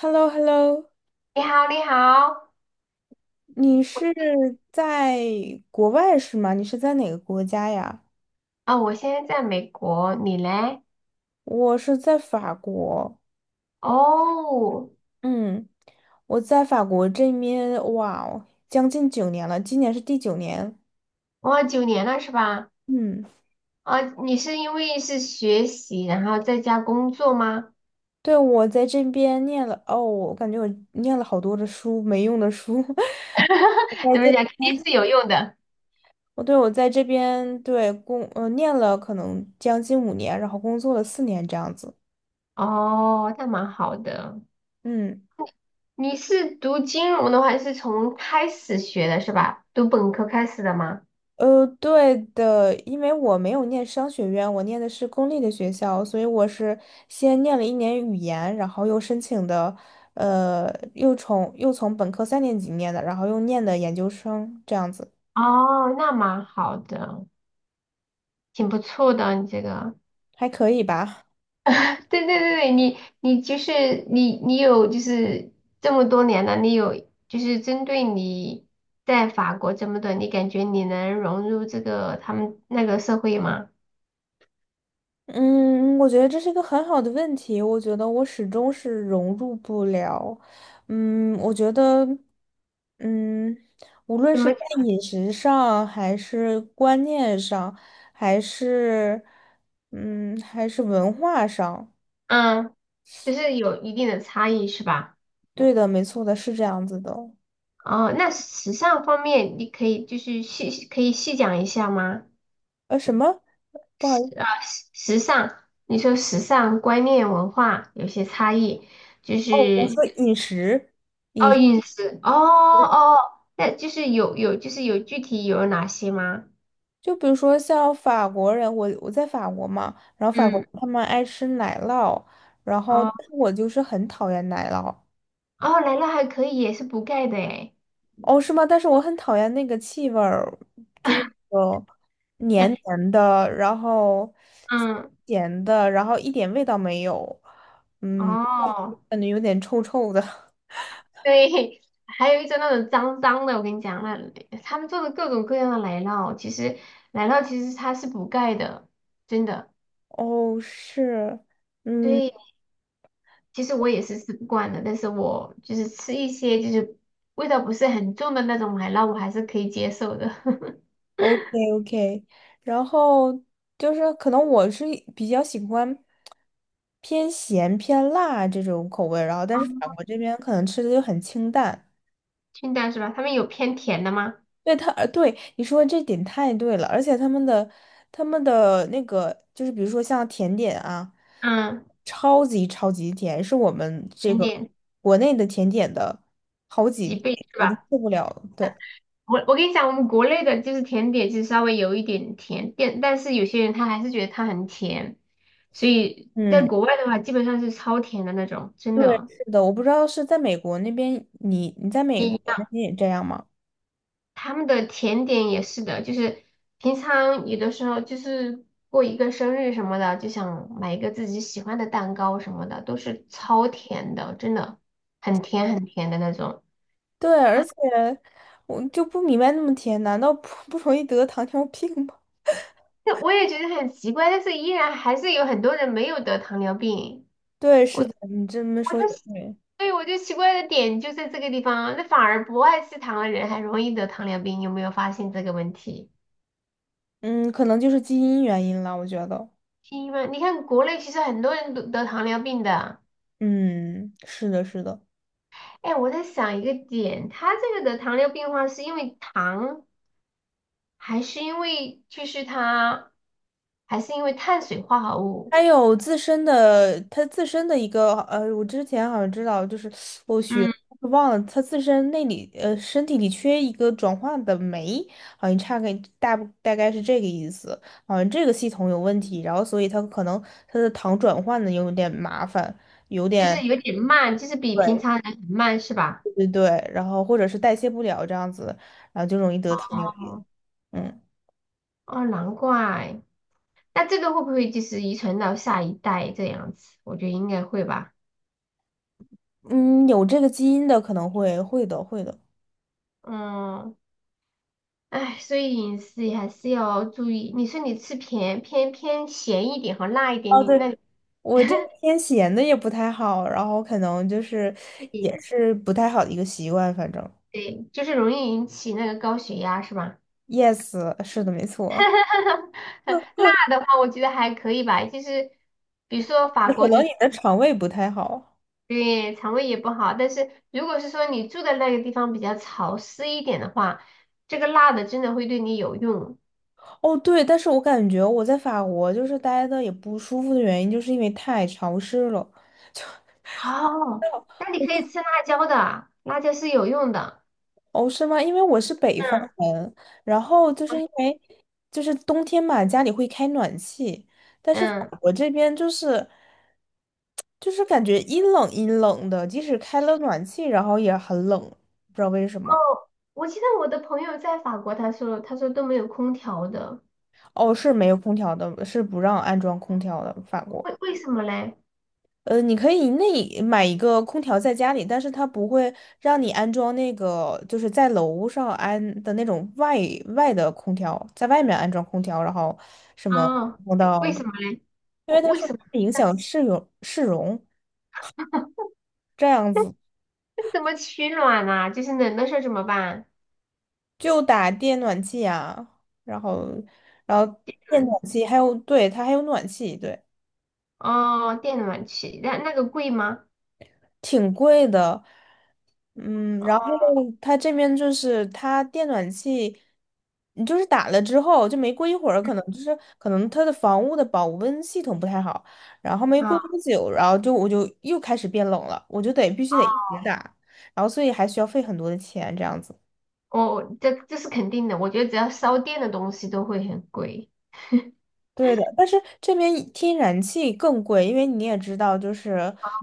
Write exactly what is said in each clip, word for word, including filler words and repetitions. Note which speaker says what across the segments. Speaker 1: h e l l o h e l l o
Speaker 2: 你好，你好。
Speaker 1: 你是在国外是吗？你是在哪个国家呀？
Speaker 2: 啊、我现在在美国，你嘞？
Speaker 1: 我是在法国，
Speaker 2: 哦。
Speaker 1: 嗯，我在法国这边，哇哦，将近九年了，今年是第九年，
Speaker 2: 哇，九年了是吧？
Speaker 1: 嗯，
Speaker 2: 啊、你是因为是学习，然后在家工作吗？
Speaker 1: 对，我在这边念了，哦，我感觉我念了好多的书，没用的书，我在
Speaker 2: 怎么
Speaker 1: 这，
Speaker 2: 讲，肯定是有用的。
Speaker 1: 我对我在这边对工，呃，念了可能将近五年，然后工作了四年这样子，
Speaker 2: 哦，那蛮好的。
Speaker 1: 嗯。
Speaker 2: 你是读金融的话，是从开始学的是吧？读本科开始的吗？
Speaker 1: 呃，对的，因为我没有念商学院，我念的是公立的学校，所以我是先念了一年语言，然后又申请的，呃，又从又从本科三年级念的，然后又念的研究生，这样子
Speaker 2: 哦，那蛮好的，挺不错的，你这个。
Speaker 1: 还可以吧。
Speaker 2: 对对对，你你就是你你有就是这么多年了，你有就是针对你在法国这么多，你感觉你能融入这个他们那个社会吗？
Speaker 1: 嗯，我觉得这是一个很好的问题。我觉得我始终是融入不了。嗯，我觉得，嗯，无论
Speaker 2: 怎
Speaker 1: 是
Speaker 2: 么
Speaker 1: 在饮食上，还是观念上，还是，嗯，还是文化上，
Speaker 2: 嗯，就是有一定的差异是吧？
Speaker 1: 对的，没错的，是这样子的哦。
Speaker 2: 哦，那时尚方面你可以就是细可以细讲一下吗？
Speaker 1: 呃，什么？不好意思，
Speaker 2: 时啊时时尚，你说时尚观念文化有些差异，就
Speaker 1: 哦，我
Speaker 2: 是。
Speaker 1: 说饮食，饮
Speaker 2: 哦，
Speaker 1: 食。
Speaker 2: 饮食，哦哦，那就是有有就是有具体有哪些吗？
Speaker 1: 就比如说像法国人，我我在法国嘛，然后法国
Speaker 2: 嗯
Speaker 1: 他们爱吃奶酪，然后
Speaker 2: 哦
Speaker 1: 但是我就是很讨厌奶酪。
Speaker 2: 哦，奶酪还可以，也是补钙的诶。
Speaker 1: 哦，是吗？但是我很讨厌那个气味儿，就是 那种黏黏的，然后
Speaker 2: 嗯，
Speaker 1: 咸的，然后一点味道没有，嗯，
Speaker 2: 哦
Speaker 1: 感觉有点臭臭的。
Speaker 2: 对，还有一种那种脏脏的，我跟你讲，那他们做的各种各样的奶酪，其实奶酪其实它是补钙的，真的。
Speaker 1: 哦，是，嗯
Speaker 2: 对，其实我也是吃不惯的，但是我就是吃一些就是味道不是很重的那种奶酪，我还是可以接受的。
Speaker 1: ，OK OK，然后就是可能我是比较喜欢。偏咸偏辣这种口味，然后但是法
Speaker 2: 哦
Speaker 1: 国这边可能吃的就很清淡。
Speaker 2: 清淡是吧？他们有偏甜的吗？
Speaker 1: 对他，呃对你说的这点太对了，而且他们的他们的那个就是比如说像甜点啊，
Speaker 2: 嗯，
Speaker 1: 超级超级甜，是我们这
Speaker 2: 甜
Speaker 1: 个
Speaker 2: 点
Speaker 1: 国内的甜点的好几
Speaker 2: 几倍
Speaker 1: 倍，
Speaker 2: 是
Speaker 1: 我就
Speaker 2: 吧？
Speaker 1: 受不了了。对，
Speaker 2: 我我跟你讲，我们国内的就是甜点，就是稍微有一点甜，但但是有些人他还是觉得它很甜，所以在
Speaker 1: 嗯，
Speaker 2: 国外的话，基本上是超甜的那种，真
Speaker 1: 对，
Speaker 2: 的。
Speaker 1: 是的，我不知道是在美国那边，你你在美
Speaker 2: 一
Speaker 1: 国那
Speaker 2: 样，
Speaker 1: 边也这样吗？
Speaker 2: 他们的甜点也是的，就是平常有的时候就是过一个生日什么的，就想买一个自己喜欢的蛋糕什么的，都是超甜的，真的很甜很甜的那种。
Speaker 1: 对，而且我就不明白那么甜，难道不不容易得糖尿病吗？
Speaker 2: 那我也觉得很奇怪，但是依然还是有很多人没有得糖尿病。
Speaker 1: 对，是
Speaker 2: 我，
Speaker 1: 的，你这么说也对。
Speaker 2: 所以我就奇怪的点就在这个地方，那反而不爱吃糖的人还容易得糖尿病，有没有发现这个问题？
Speaker 1: 嗯，可能就是基因原因了，我觉得。
Speaker 2: 因为你看国内其实很多人都得糖尿病的。
Speaker 1: 嗯，是的，是的。
Speaker 2: 哎，我在想一个点，他这个得糖尿病的话，是因为糖，还是因为就是他，还是因为碳水化合物？
Speaker 1: 还有自身的，他自身的一个，呃，我之前好像知道，就是我学
Speaker 2: 嗯，
Speaker 1: 忘了，他自身那里，呃，身体里缺一个转换的酶，好像差个大大概是这个意思。好像这个系统有问题，然后所以他可能他的糖转换的有点麻烦，有
Speaker 2: 就
Speaker 1: 点
Speaker 2: 是有点慢，就是比平
Speaker 1: 对
Speaker 2: 常人很慢，是吧？
Speaker 1: 对对，然后或者是代谢不了这样子，然后就容易得糖尿病。
Speaker 2: 哦。
Speaker 1: 嗯
Speaker 2: 哦，难怪。那这个会不会就是遗传到下一代这样子？我觉得应该会吧。
Speaker 1: 嗯，有这个基因的可能会会的会的。
Speaker 2: 嗯。哎，所以饮食也还是要注意。你说你吃偏偏偏咸一点和辣一点，
Speaker 1: 哦，
Speaker 2: 你
Speaker 1: 对，
Speaker 2: 那
Speaker 1: 我这个天闲的也不太好，然后可能就是也
Speaker 2: 你
Speaker 1: 是不太好的一个习惯，反正。
Speaker 2: 对，就是容易引起那个高血压是吧？
Speaker 1: Yes，是的，没错。
Speaker 2: 辣的话，我觉得还可以吧，就是比如说法
Speaker 1: 那可
Speaker 2: 国
Speaker 1: 能你
Speaker 2: 你，
Speaker 1: 的肠胃不太好。
Speaker 2: 对肠胃也不好，但是如果是说你住的那个地方比较潮湿一点的话，这个辣的真的会对你有用。
Speaker 1: 哦，对，但是我感觉我在法国就是待的也不舒服的原因，就是因为太潮湿了。
Speaker 2: 哦，那你可以吃辣椒的，辣椒是有用的。
Speaker 1: 哦，是吗？因为我是北方
Speaker 2: 嗯。
Speaker 1: 人，然后就是因为就是冬天嘛，家里会开暖气，但是法
Speaker 2: 嗯。
Speaker 1: 国这边就是就是感觉阴冷阴冷的，即使开了暖气，然后也很冷，不知道为什么。
Speaker 2: 哦，我记得我的朋友在法国，他说他说都没有空调的，
Speaker 1: 哦，是没有空调的，是不让安装空调的，法国。
Speaker 2: 为为什么嘞？
Speaker 1: 呃，你可以那买一个空调在家里，但是它不会让你安装那个，就是在楼上安的那种外外的空调，在外面安装空调，然后什么
Speaker 2: 哦，
Speaker 1: 弄到，
Speaker 2: 为什么嘞？
Speaker 1: 因
Speaker 2: 为
Speaker 1: 为他
Speaker 2: 为
Speaker 1: 说
Speaker 2: 什么？
Speaker 1: 会影响市容市容，这样子
Speaker 2: 那怎么取暖呢、就是冷的时候怎么办？
Speaker 1: 就打电暖气啊，然后然后电
Speaker 2: 嗯。
Speaker 1: 暖气还有，对，它还有暖气，对。
Speaker 2: 哦，电暖气，那那个贵吗？
Speaker 1: 挺贵的，嗯，然后它这边就是它电暖气，你就是打了之后就没过一会儿，可能就是可能它的房屋的保温系统不太好，然后没过
Speaker 2: 啊，
Speaker 1: 多久，然后就我就又开始变冷了，我就得必须得一直打，然后所以还需要费很多的钱这样子。
Speaker 2: 哦，这这是肯定的，我觉得只要烧电的东西都会很贵。
Speaker 1: 对的，但是这边天然气更贵，因为你也知道，就是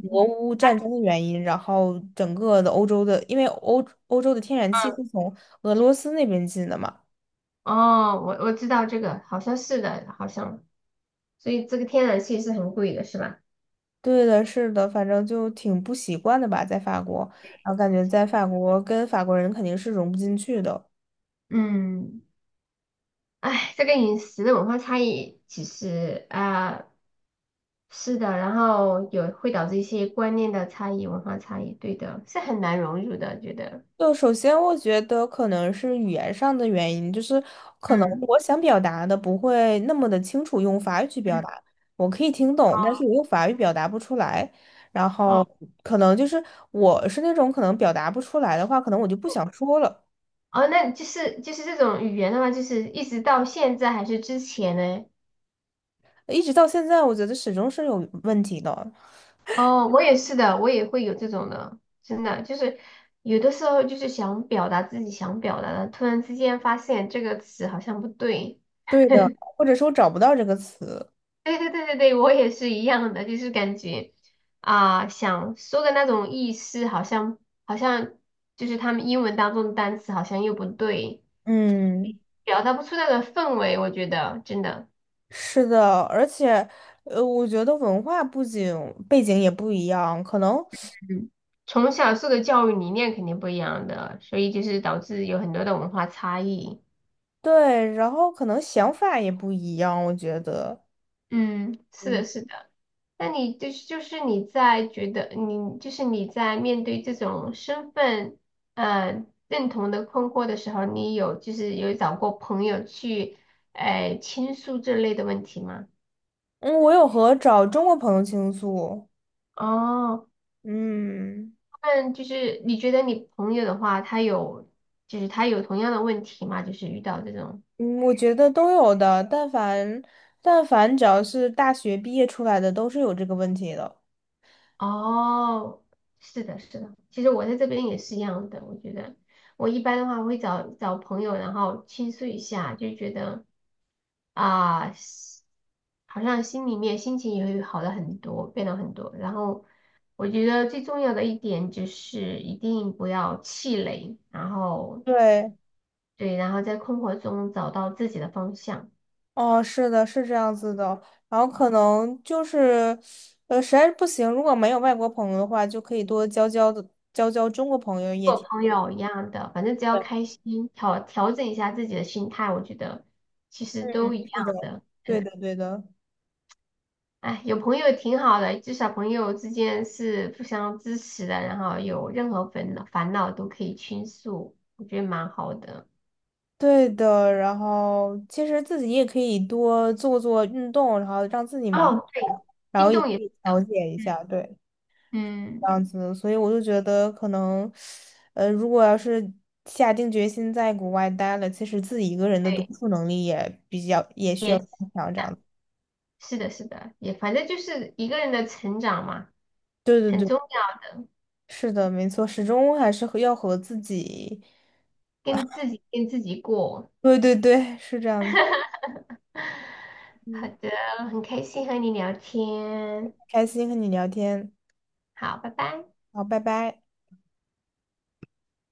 Speaker 1: 俄乌战争的原因，然后整个的欧洲的，因为欧欧洲的天然气是从俄罗斯那边进的嘛。
Speaker 2: 哦，我我知道这个，好像是的，好像。所以这个天然气是很贵的，是吧？
Speaker 1: 对的，是的，反正就挺不习惯的吧，在法国，然后感觉在法国跟法国人肯定是融不进去的。
Speaker 2: 嗯，哎，这个饮食的文化差异其实啊，是的，然后有会导致一些观念的差异、文化差异，对的，是很难融入的，觉得。
Speaker 1: 就首先，我觉得可能是语言上的原因，就是可能
Speaker 2: 嗯
Speaker 1: 我想表达的不会那么的清楚，用法语去表
Speaker 2: 嗯，
Speaker 1: 达，我可以听懂，但是我用法语表达不出来。然
Speaker 2: 哦
Speaker 1: 后可能就是我是那种可能表达不出来的话，可能我就不想说了。
Speaker 2: 哦，那就是就是这种语言的话，就是一直到现在还是之前呢？
Speaker 1: 一直到现在，我觉得始终是有问题的。
Speaker 2: 哦，我也是的，我也会有这种的，真的就是有的时候就是想表达自己想表达的，突然之间发现这个词好像不对，
Speaker 1: 对的，或者说找不到这个词。
Speaker 2: 对对对对对，我也是一样的，就是感觉啊、想说的那种意思，好像好像就是他们英文当中的单词好像又不对，
Speaker 1: 嗯，
Speaker 2: 表达不出那个氛围，我觉得真的。
Speaker 1: 是的，而且，呃，我觉得文化不仅背景也不一样，可能
Speaker 2: 嗯，从小受的教育理念肯定不一样的，所以就是导致有很多的文化差异。
Speaker 1: 对，然后可能想法也不一样，我觉得。
Speaker 2: 嗯，是
Speaker 1: 嗯
Speaker 2: 的，是的。那你就是就是你在觉得你就是你在面对这种身份呃认同的困惑的时候，你有就是有找过朋友去呃倾诉这类的问题吗？
Speaker 1: 嗯，我有和找中国朋友倾诉，
Speaker 2: 哦，
Speaker 1: 嗯
Speaker 2: 那就是你觉得你朋友的话，他有就是他有同样的问题吗？就是遇到这种。
Speaker 1: 嗯，我觉得都有的，但凡但凡只要是大学毕业出来的，都是有这个问题的。
Speaker 2: 哦，是的，是的，其实我在这边也是一样的。我觉得我一般的话会找找朋友，然后倾诉一下，就觉得啊，是好像心里面心情也会好了很多，变了很多。然后我觉得最重要的一点就是一定不要气馁，然后
Speaker 1: 对，
Speaker 2: 对，然后在困惑中找到自己的方向。
Speaker 1: 哦，是的，是这样子的。然后可能就是，呃，实在是不行，如果没有外国朋友的话，就可以多交交的交交中国朋友也
Speaker 2: 做
Speaker 1: 挺。
Speaker 2: 朋友一样的，反正只要开心，调调整一下自己的心态，我觉得其实都一
Speaker 1: 是的，
Speaker 2: 样的。
Speaker 1: 对的，对的。
Speaker 2: 哎，有朋友挺好的，至少朋友之间是互相支持的，然后有任何烦恼烦恼都可以倾诉，我觉得蛮好的。
Speaker 1: 对的，然后其实自己也可以多做做运动，然后让自己忙起
Speaker 2: 哦，对，
Speaker 1: 来，然后
Speaker 2: 运
Speaker 1: 也可
Speaker 2: 动也是
Speaker 1: 以调
Speaker 2: 的。
Speaker 1: 节一
Speaker 2: 嗯
Speaker 1: 下，对，这
Speaker 2: 嗯，
Speaker 1: 样子。所以我就觉得可能，呃，如果要是下定决心在国外待了，其实自己一个人的独
Speaker 2: 对，
Speaker 1: 处能力也比较也需要
Speaker 2: 也
Speaker 1: 加强，这样子。
Speaker 2: 是的，是的，也反正就是一个人的成长嘛，
Speaker 1: 对
Speaker 2: 很
Speaker 1: 对对，
Speaker 2: 重要的，
Speaker 1: 是的，没错，始终还是和要和自己，
Speaker 2: 跟自己跟自己过。
Speaker 1: 对对对，是这样的。
Speaker 2: 好
Speaker 1: 嗯，
Speaker 2: 的，很开心和你聊天，
Speaker 1: 开心和你聊天，
Speaker 2: 好，拜拜。
Speaker 1: 好，拜拜。